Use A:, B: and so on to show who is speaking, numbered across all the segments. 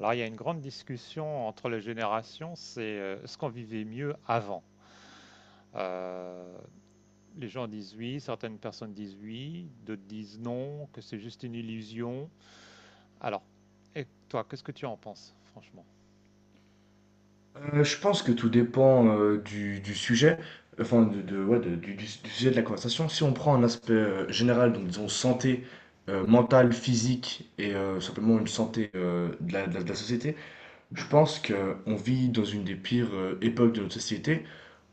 A: Alors, il y a une grande discussion entre les générations, c'est ce qu'on vivait mieux avant. Euh, les gens disent oui, certaines personnes disent oui, d'autres disent non, que c'est juste une illusion. Alors, et toi, qu'est-ce que tu en penses, franchement?
B: Je pense que tout dépend du sujet, enfin du sujet de la conversation. Si on prend un aspect général, donc disons santé mentale, physique et simplement une santé de la société, je pense qu'on vit dans une des pires époques de notre société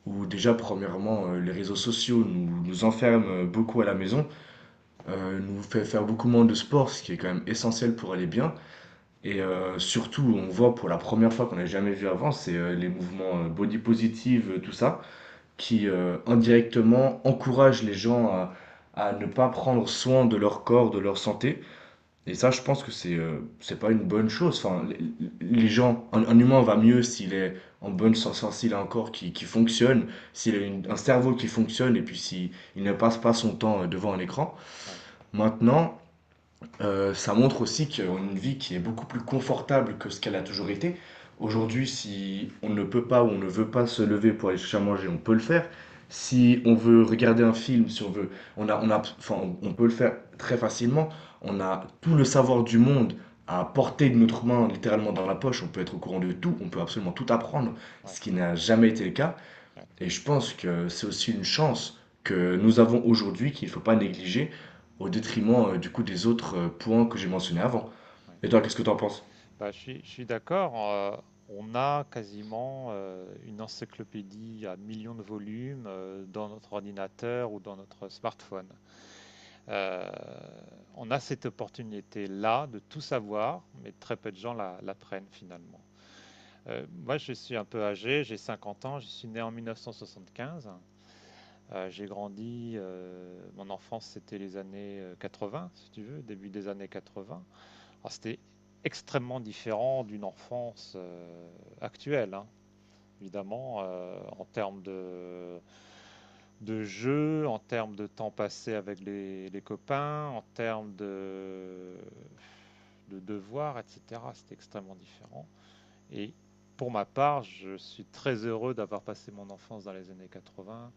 B: où déjà, premièrement, les réseaux sociaux nous enferment beaucoup à la maison, nous fait faire beaucoup moins de sport, ce qui est quand même essentiel pour aller bien. Et surtout, on voit pour la première fois qu'on n'a jamais vu avant, c'est, les mouvements, body positive, tout ça, qui, indirectement encouragent les gens à ne pas prendre soin de leur corps, de leur santé, et ça, je pense que c'est pas une bonne chose. Enfin, les gens, un humain va mieux s'il est en bonne santé, enfin, s'il a un corps qui fonctionne, s'il a une un cerveau qui fonctionne et puis s'il il ne passe pas son temps, devant un écran.
A: Oui,
B: Maintenant, ça montre aussi qu'on a une vie qui est beaucoup plus confortable que ce qu'elle a toujours été. Aujourd'hui, si on ne peut pas ou on ne veut pas se lever pour aller chercher à manger, on peut le faire. Si on veut regarder un film, si on veut, on a, enfin, on peut le faire très facilement. On a tout le savoir du monde à portée de notre main, littéralement dans la poche. On peut être au courant de tout, on peut absolument tout apprendre,
A: oui,
B: ce qui n'a jamais été le cas.
A: oui.
B: Et je pense que c'est aussi une chance que nous avons aujourd'hui qu'il ne faut pas négliger au détriment du coup des autres points que j'ai mentionnés avant. Et
A: Oui.
B: toi, qu'est-ce que tu en penses?
A: Bah, je suis d'accord. On a quasiment une encyclopédie à millions de volumes dans notre ordinateur ou dans notre smartphone. Euh, on a cette opportunité-là de tout savoir, mais très peu de gens la prennent finalement. Moi, je suis un peu âgé, j'ai 50 ans, je suis né en 1975. J'ai grandi, mon enfance c'était les années 80, si tu veux, début des années 80. Alors c'était extrêmement différent d'une enfance actuelle. Hein, évidemment, en termes de jeu, en termes de temps passé avec les copains, en termes de devoirs, etc. C'était extrêmement différent. Et pour ma part, je suis très heureux d'avoir passé mon enfance dans les années 80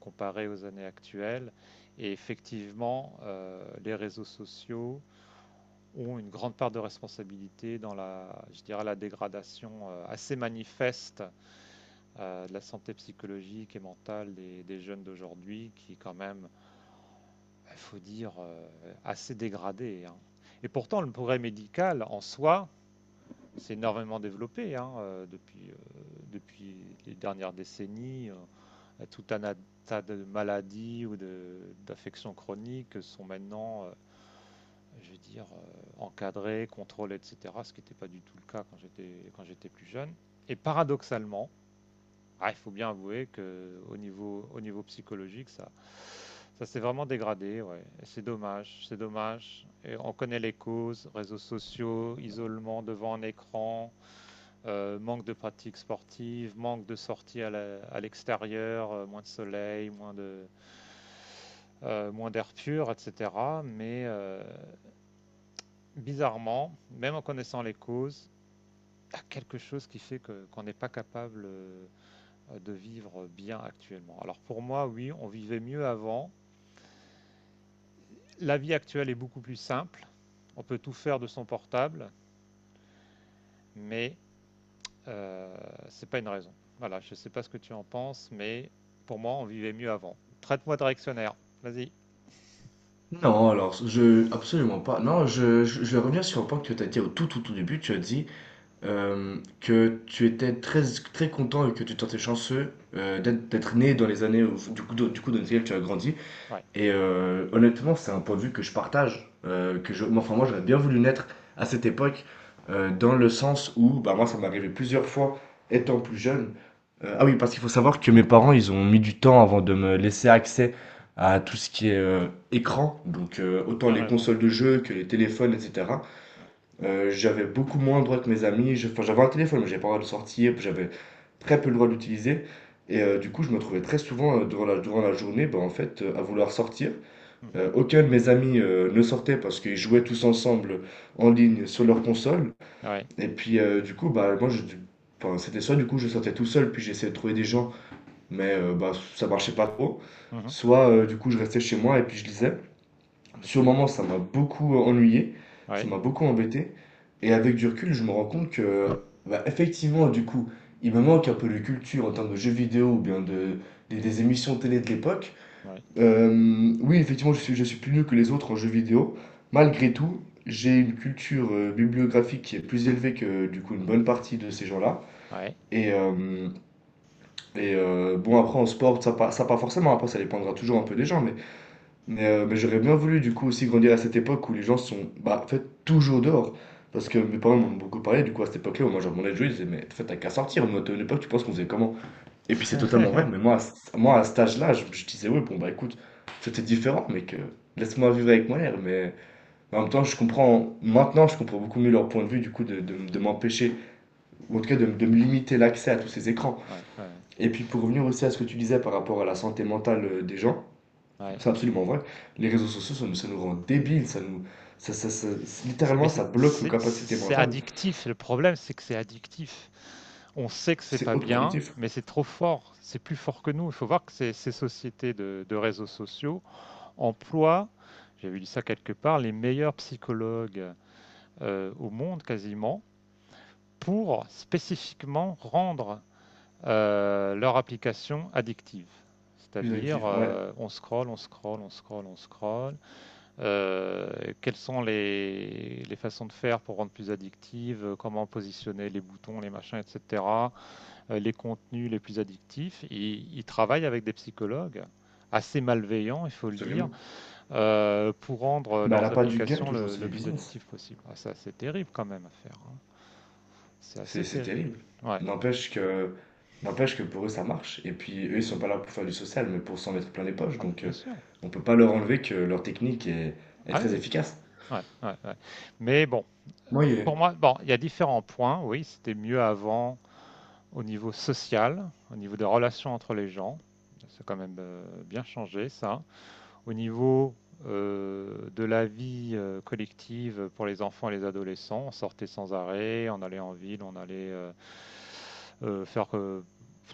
A: comparé aux années actuelles. Et effectivement, les réseaux sociaux ont une grande part de responsabilité dans la, je dirais, la dégradation assez manifeste de la santé psychologique et mentale des jeunes d'aujourd'hui, qui est quand même, il faut dire, assez dégradée, hein. Et pourtant, le progrès médical en soi s'est énormément développé, hein, depuis, depuis les dernières décennies. Tout un tas de maladies ou d'affections chroniques sont maintenant, je veux dire, encadrées, contrôlées, etc., ce qui n'était pas du tout le cas quand j'étais plus jeune. Et paradoxalement, ah, il faut bien avouer que au niveau psychologique, ça s'est vraiment dégradé. Ouais. Et c'est dommage, c'est dommage. Et on connaît les causes, réseaux sociaux, isolement devant un écran, manque de pratiques sportives, manque de sorties à l'extérieur, moins de soleil, moins d'air pur, etc. Mais bizarrement, même en connaissant les causes, il y a quelque chose qui fait qu'on n'est pas capable de vivre bien actuellement. Alors pour moi, oui, on vivait mieux avant. La vie actuelle est beaucoup plus simple. On peut tout faire de son portable, mais euh, c'est pas une raison. Voilà, je ne sais pas ce que tu en penses, mais pour moi, on vivait mieux avant. Traite-moi de réactionnaire. Vas-y.
B: Non, alors, je... Absolument pas. Non, je vais revenir sur un point que tu as dit au tout, tout, tout début. Tu as dit que tu étais très, très content et que tu te chanceux d'être né dans les années, dans lesquelles tu as grandi.
A: Ouais.
B: Et honnêtement, c'est un point de vue que je partage, que je, moi, enfin moi j'aurais bien voulu naître à cette époque, dans le sens où, bah moi ça m'est arrivé plusieurs fois,
A: Mhm.
B: étant plus jeune. Ah oui, parce qu'il faut savoir que mes parents, ils ont mis du temps avant de me laisser accès à tout ce qui est écran, donc autant
A: Bien
B: les
A: raison.
B: consoles de jeux que les téléphones, etc.
A: Ouais.
B: J'avais beaucoup moins le droit que mes amis. Enfin j'avais un téléphone, mais j'avais pas le droit de sortir, puis j'avais très peu le droit d'utiliser. Et du coup, je me trouvais très souvent durant la journée, à vouloir sortir,
A: Mhm.
B: aucun de mes amis ne sortait parce qu'ils jouaient tous ensemble en ligne sur leur console.
A: Ouais.
B: Et puis du coup, bah moi, enfin, c'était soit du coup je sortais tout seul, puis j'essayais de trouver des gens, mais bah, ça marchait pas trop.
A: Mhm.
B: Soit du coup je restais chez moi et puis je lisais.
A: Oh, mais
B: Sur le
A: c'est-
B: moment, ça m'a beaucoup ennuyé, ça
A: Ouais.
B: m'a beaucoup embêté. Et avec du recul, je me rends compte que, bah, effectivement, du coup, il me manque un peu de culture en termes de jeux vidéo ou bien de, des émissions télé de l'époque.
A: Ouais.
B: Oui, effectivement, je suis plus nul que les autres en jeux vidéo. Malgré tout, j'ai une culture bibliographique qui est plus élevée que du coup une bonne partie de ces gens-là.
A: Ouais.
B: Et, euh, bon, après en sport, ça pas forcément, après ça dépendra toujours un peu des gens, mais, mais j'aurais bien voulu du coup aussi grandir à cette époque où les gens sont, bah, en fait toujours dehors. Parce que
A: Ouais.
B: mes parents m'en
A: Ouais.
B: ont beaucoup parlé, du coup à cette époque-là, où moi je demandais de jouer, ils disaient, mais en fait t'as qu'à sortir, nous à une époque, tu penses qu'on faisait comment? Et puis c'est totalement vrai, mais moi, moi à cet âge-là, je disais, oui, bon, bah écoute, c'était différent, mais que laisse-moi vivre avec mon air. Mais en même temps, je comprends, maintenant, je comprends beaucoup mieux leur point de vue, du coup, de m'empêcher, ou en tout cas de me limiter l'accès à tous ces écrans.
A: Ouais. Ouais.
B: Et puis pour revenir aussi à ce que tu disais par rapport à la santé mentale des gens,
A: Ouais.
B: c'est absolument vrai. Les réseaux sociaux, ça nous rend débiles, ça nous, littéralement, ça bloque nos capacités
A: C'est
B: mentales.
A: addictif. Le problème, c'est que c'est addictif. On sait que c'est
B: C'est
A: pas
B: hautement
A: bien,
B: addictif.
A: mais c'est trop fort. C'est plus fort que nous. Il faut voir que ces sociétés de réseaux sociaux emploient, j'avais lu ça quelque part, les meilleurs psychologues au monde quasiment pour spécifiquement rendre leur application addictive.
B: Plus
A: C'est-à-dire,
B: addictif, ouais,
A: on scrolle, on scrolle, on scrolle, on scrolle. Quelles sont façons de faire pour rendre plus addictive, comment positionner les boutons, les machins, etc., les contenus les plus addictifs. Ils travaillent avec des psychologues assez malveillants, il faut le dire,
B: absolument.
A: pour rendre
B: Bah, elle a
A: leurs
B: pas du gain,
A: applications
B: toujours, c'est du
A: le plus
B: business.
A: addictives possible. Ah, ça, c'est terrible quand même à faire, hein. C'est
B: C'est
A: assez
B: c'est
A: terrible.
B: terrible.
A: Ouais.
B: N'empêche que n'empêche que pour eux, ça marche. Et puis, eux,
A: Ah
B: ils
A: bah
B: sont
A: oui.
B: pas là pour faire du social, mais pour s'en mettre plein les poches.
A: Ah mais
B: Donc,
A: bien sûr.
B: on peut pas leur enlever que leur technique est
A: Ah
B: très
A: oui.
B: efficace.
A: Ouais, ouais, ouais. Mais bon,
B: Moi, il...
A: pour moi, bon, il y a différents points. Oui, c'était mieux avant au niveau social, au niveau des relations entre les gens. C'est quand même bien changé ça. Au niveau de la vie collective pour les enfants et les adolescents, on sortait sans arrêt, on allait en ville, on allait faire.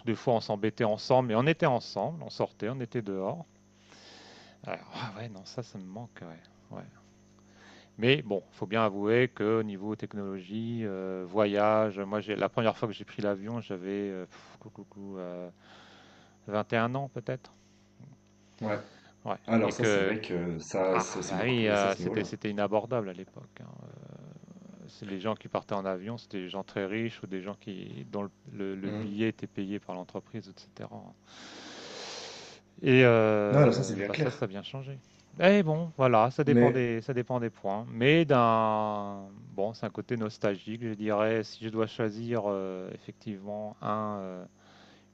A: Des fois on s'embêtait ensemble, mais on était ensemble, on sortait, on était dehors. Alors, ah ouais, non, ça me manque. Ouais, ouais. Mais bon, il faut bien avouer que niveau technologie, voyage, moi j'ai la première fois que j'ai pris l'avion, j'avais 21 ans peut-être.
B: Ouais.
A: Ouais. Et
B: Alors ça, c'est
A: que
B: vrai que ça,
A: ah
B: ça c'est
A: bah
B: beaucoup
A: oui,
B: progressé à ce niveau-là.
A: c'était inabordable à l'époque, hein. C'est les gens qui partaient en avion, c'était des gens très riches ou des gens qui dont le
B: Mhm.
A: billet était payé par l'entreprise, etc. Et
B: Non, alors ça, c'est bien
A: bah ça, ça
B: clair.
A: a bien changé. Et bon, voilà,
B: Mais
A: ça dépend des points. Mais d'un, bon, c'est un côté nostalgique, je dirais. Si je dois choisir effectivement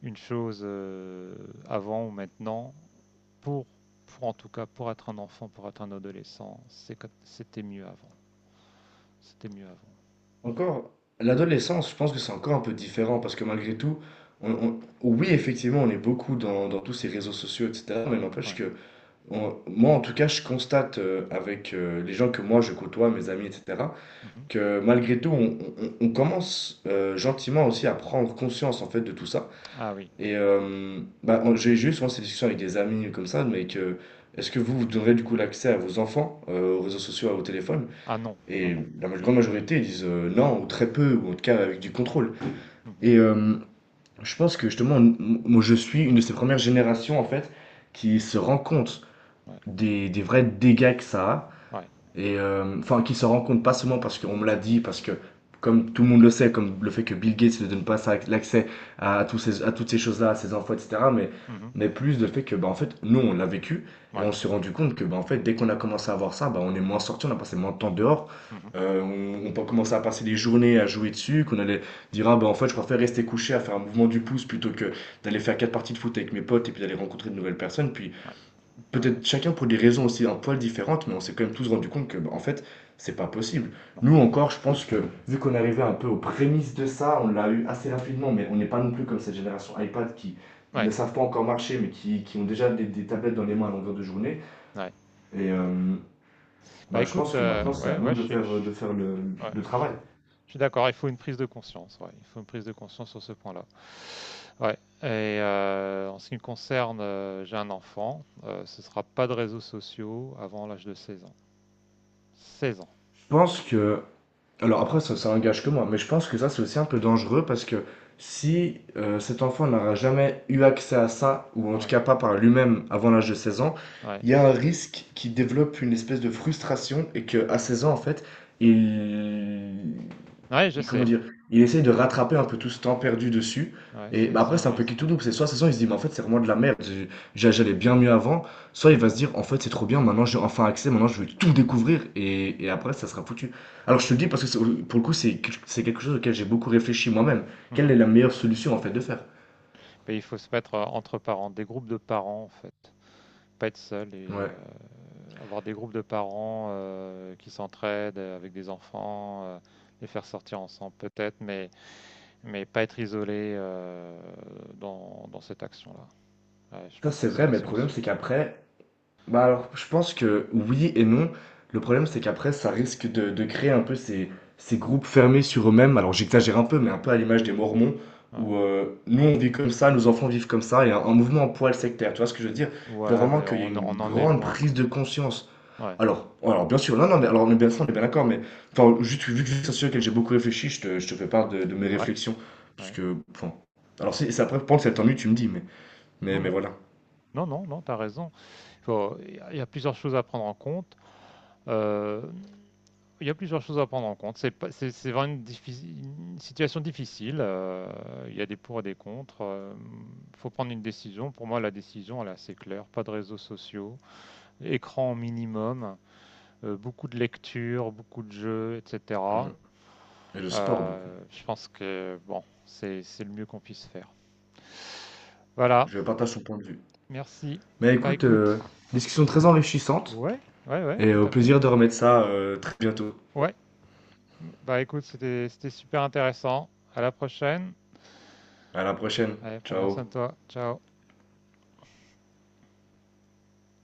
A: une chose avant ou maintenant, pour, pour en tout cas, pour être un enfant, pour être un adolescent, c'était mieux avant. C'était mieux avant. Bon,
B: encore, l'adolescence, je pense que c'est encore un peu différent parce que malgré tout, oui, effectivement, on est beaucoup dans tous ces réseaux sociaux, etc. Mais n'empêche
A: ouais.
B: que... Moi, en tout cas, je constate avec les gens que moi je côtoie, mes amis, etc.,
A: Mhm.
B: que malgré tout, on commence gentiment aussi à prendre conscience en fait de tout ça.
A: Ah oui.
B: Et bah, j'ai eu souvent ces discussions avec des amis comme ça, mais que est-ce que vous, vous donnerez du coup l'accès à vos enfants aux réseaux sociaux, au téléphone?
A: Ah non, non,
B: Et
A: non.
B: grande majorité ils disent non, ou très peu, ou en tout cas avec du contrôle.
A: Mhm.
B: Et je pense que justement, moi je suis une de ces premières générations en fait qui se rend compte
A: Ouais,
B: des vrais dégâts que ça a.
A: ouais.
B: Et enfin, qui se rend compte pas seulement parce qu'on me l'a dit, parce que comme tout le monde le sait, comme le fait que Bill Gates ne donne pas l'accès à, à toutes ces choses-là, à ses infos, etc.
A: Mhm.
B: Mais plus le fait que, bah, en fait, nous, on l'a vécu et on
A: Ouais.
B: s'est rendu compte que, bah, en fait, dès qu'on a commencé à voir ça, bah, on est moins sorti, on a passé moins de temps dehors.
A: Mhm.
B: On peut commencer à passer des journées à jouer dessus, qu'on allait dire, ah, bah, en fait, je préfère rester couché à faire un mouvement du pouce plutôt que d'aller faire quatre parties de foot avec mes potes et puis d'aller rencontrer de nouvelles personnes. Puis
A: Ouais, ouais, ouais.
B: peut-être chacun pour des raisons aussi un poil différentes, mais on s'est quand même tous rendu compte que, bah, en fait, c'est pas possible.
A: Non.
B: Nous encore, je pense que vu qu'on arrivait un peu aux prémices de ça, on l'a eu assez rapidement, mais on n'est pas non plus comme cette génération iPad qui
A: Ouais,
B: ne savent pas encore marcher, mais qui ont déjà des tablettes dans les mains à longueur de journée.
A: ouais,
B: Et
A: ouais. Bah
B: bah, je
A: écoute,
B: pense que maintenant, c'est
A: ouais,
B: à
A: ouais,
B: nous de faire
A: ouais,
B: le travail.
A: je suis d'accord. Il faut une prise de conscience, ouais. Il faut une prise de conscience sur ce point-là. Ouais. Et en ce qui me concerne, j'ai un enfant. Ce sera pas de réseaux sociaux avant l'âge de 16 ans. seize
B: Je pense que... Alors après,
A: ans.
B: ça engage que moi, mais je pense que ça, c'est aussi un peu dangereux parce que si cet enfant n'aura jamais eu accès à ça, ou en tout
A: Ouais,
B: cas pas par lui-même avant l'âge de 16 ans,
A: ouais.
B: il y a un risque qu'il développe une espèce de frustration et qu'à 16 ans, en fait, il
A: Ouais, je
B: comment
A: sais.
B: dire, il essaye de rattraper un peu tout ce temps perdu dessus.
A: Ouais,
B: Et bah,
A: c'est
B: après,
A: un
B: c'est un peu qui
A: risque,
B: tout
A: ouais.
B: double. C'est soit de toute façon, il se dit, mais en fait, c'est vraiment de la merde. J'allais bien mieux avant. Soit il
A: Mhm,
B: va se dire, en fait, c'est trop bien. Maintenant, j'ai enfin accès. Maintenant, je vais tout découvrir. Et après, ça sera foutu. Alors, je te le dis parce que pour le coup, c'est quelque chose auquel j'ai beaucoup réfléchi moi-même. Quelle
A: mhm.
B: est la meilleure solution, en fait, de faire?
A: Mais il faut se mettre, entre parents, des groupes de parents, en fait. Pas être seul et
B: Ouais.
A: avoir des groupes de parents, qui s'entraident, avec des enfants, les faire sortir ensemble peut-être, mais pas être isolé, dans cette action-là. Ouais, je
B: Ça,
A: pense
B: c'est
A: que c'est
B: vrai,
A: la
B: mais le problème,
A: solution.
B: c'est qu'après... Bah alors, je pense que oui et non. Le problème, c'est qu'après, ça risque de créer un peu ces, ces groupes fermés sur eux-mêmes. Alors, j'exagère un peu, mais un peu à l'image des Mormons,
A: Ouais.
B: où nous, on vit comme ça, nos enfants vivent comme ça, et un mouvement en poil sectaire. Tu vois ce que je veux dire? Je veux
A: Ouais,
B: vraiment
A: mais
B: qu'il y ait une
A: on en est
B: grande
A: loin quand
B: prise de
A: même.
B: conscience.
A: Ouais,
B: Alors bien sûr, non, non, mais alors, on est bien, ça, on est bien d'accord, mais enfin, juste vu que c'est un sujet auquel j'ai beaucoup réfléchi, je te fais part de mes
A: ouais,
B: réflexions. Parce
A: ouais.
B: que, enfin, alors, c'est après, pendant cette ennui, tu me dis, mais,
A: Non,
B: mais
A: non.
B: voilà.
A: Non, non, non, t'as raison. Il y a plusieurs choses à prendre en compte. Euh, il y a plusieurs choses à prendre en compte. C'est pas- c'est- C'est vraiment une situation difficile, il y a des pour et des contre. Il faut prendre une décision. Pour moi, la décision, elle est assez claire. Pas de réseaux sociaux, écran au minimum, beaucoup de lectures, beaucoup de jeux, etc.
B: Mhm. Et le sport, beaucoup.
A: Je pense que bon, c'est le mieux qu'on puisse faire. Voilà.
B: Je partage son point de vue.
A: Merci.
B: Mais
A: Bah
B: écoute,
A: écoute,
B: discussion très enrichissante
A: ouais, ouais, ouais,
B: et
A: tout
B: au
A: à fait.
B: plaisir de remettre ça très bientôt.
A: Ouais. Bah écoute, c'était super intéressant. À la prochaine.
B: À la prochaine.
A: Allez, prends bien soin de
B: Ciao.
A: toi. Ciao.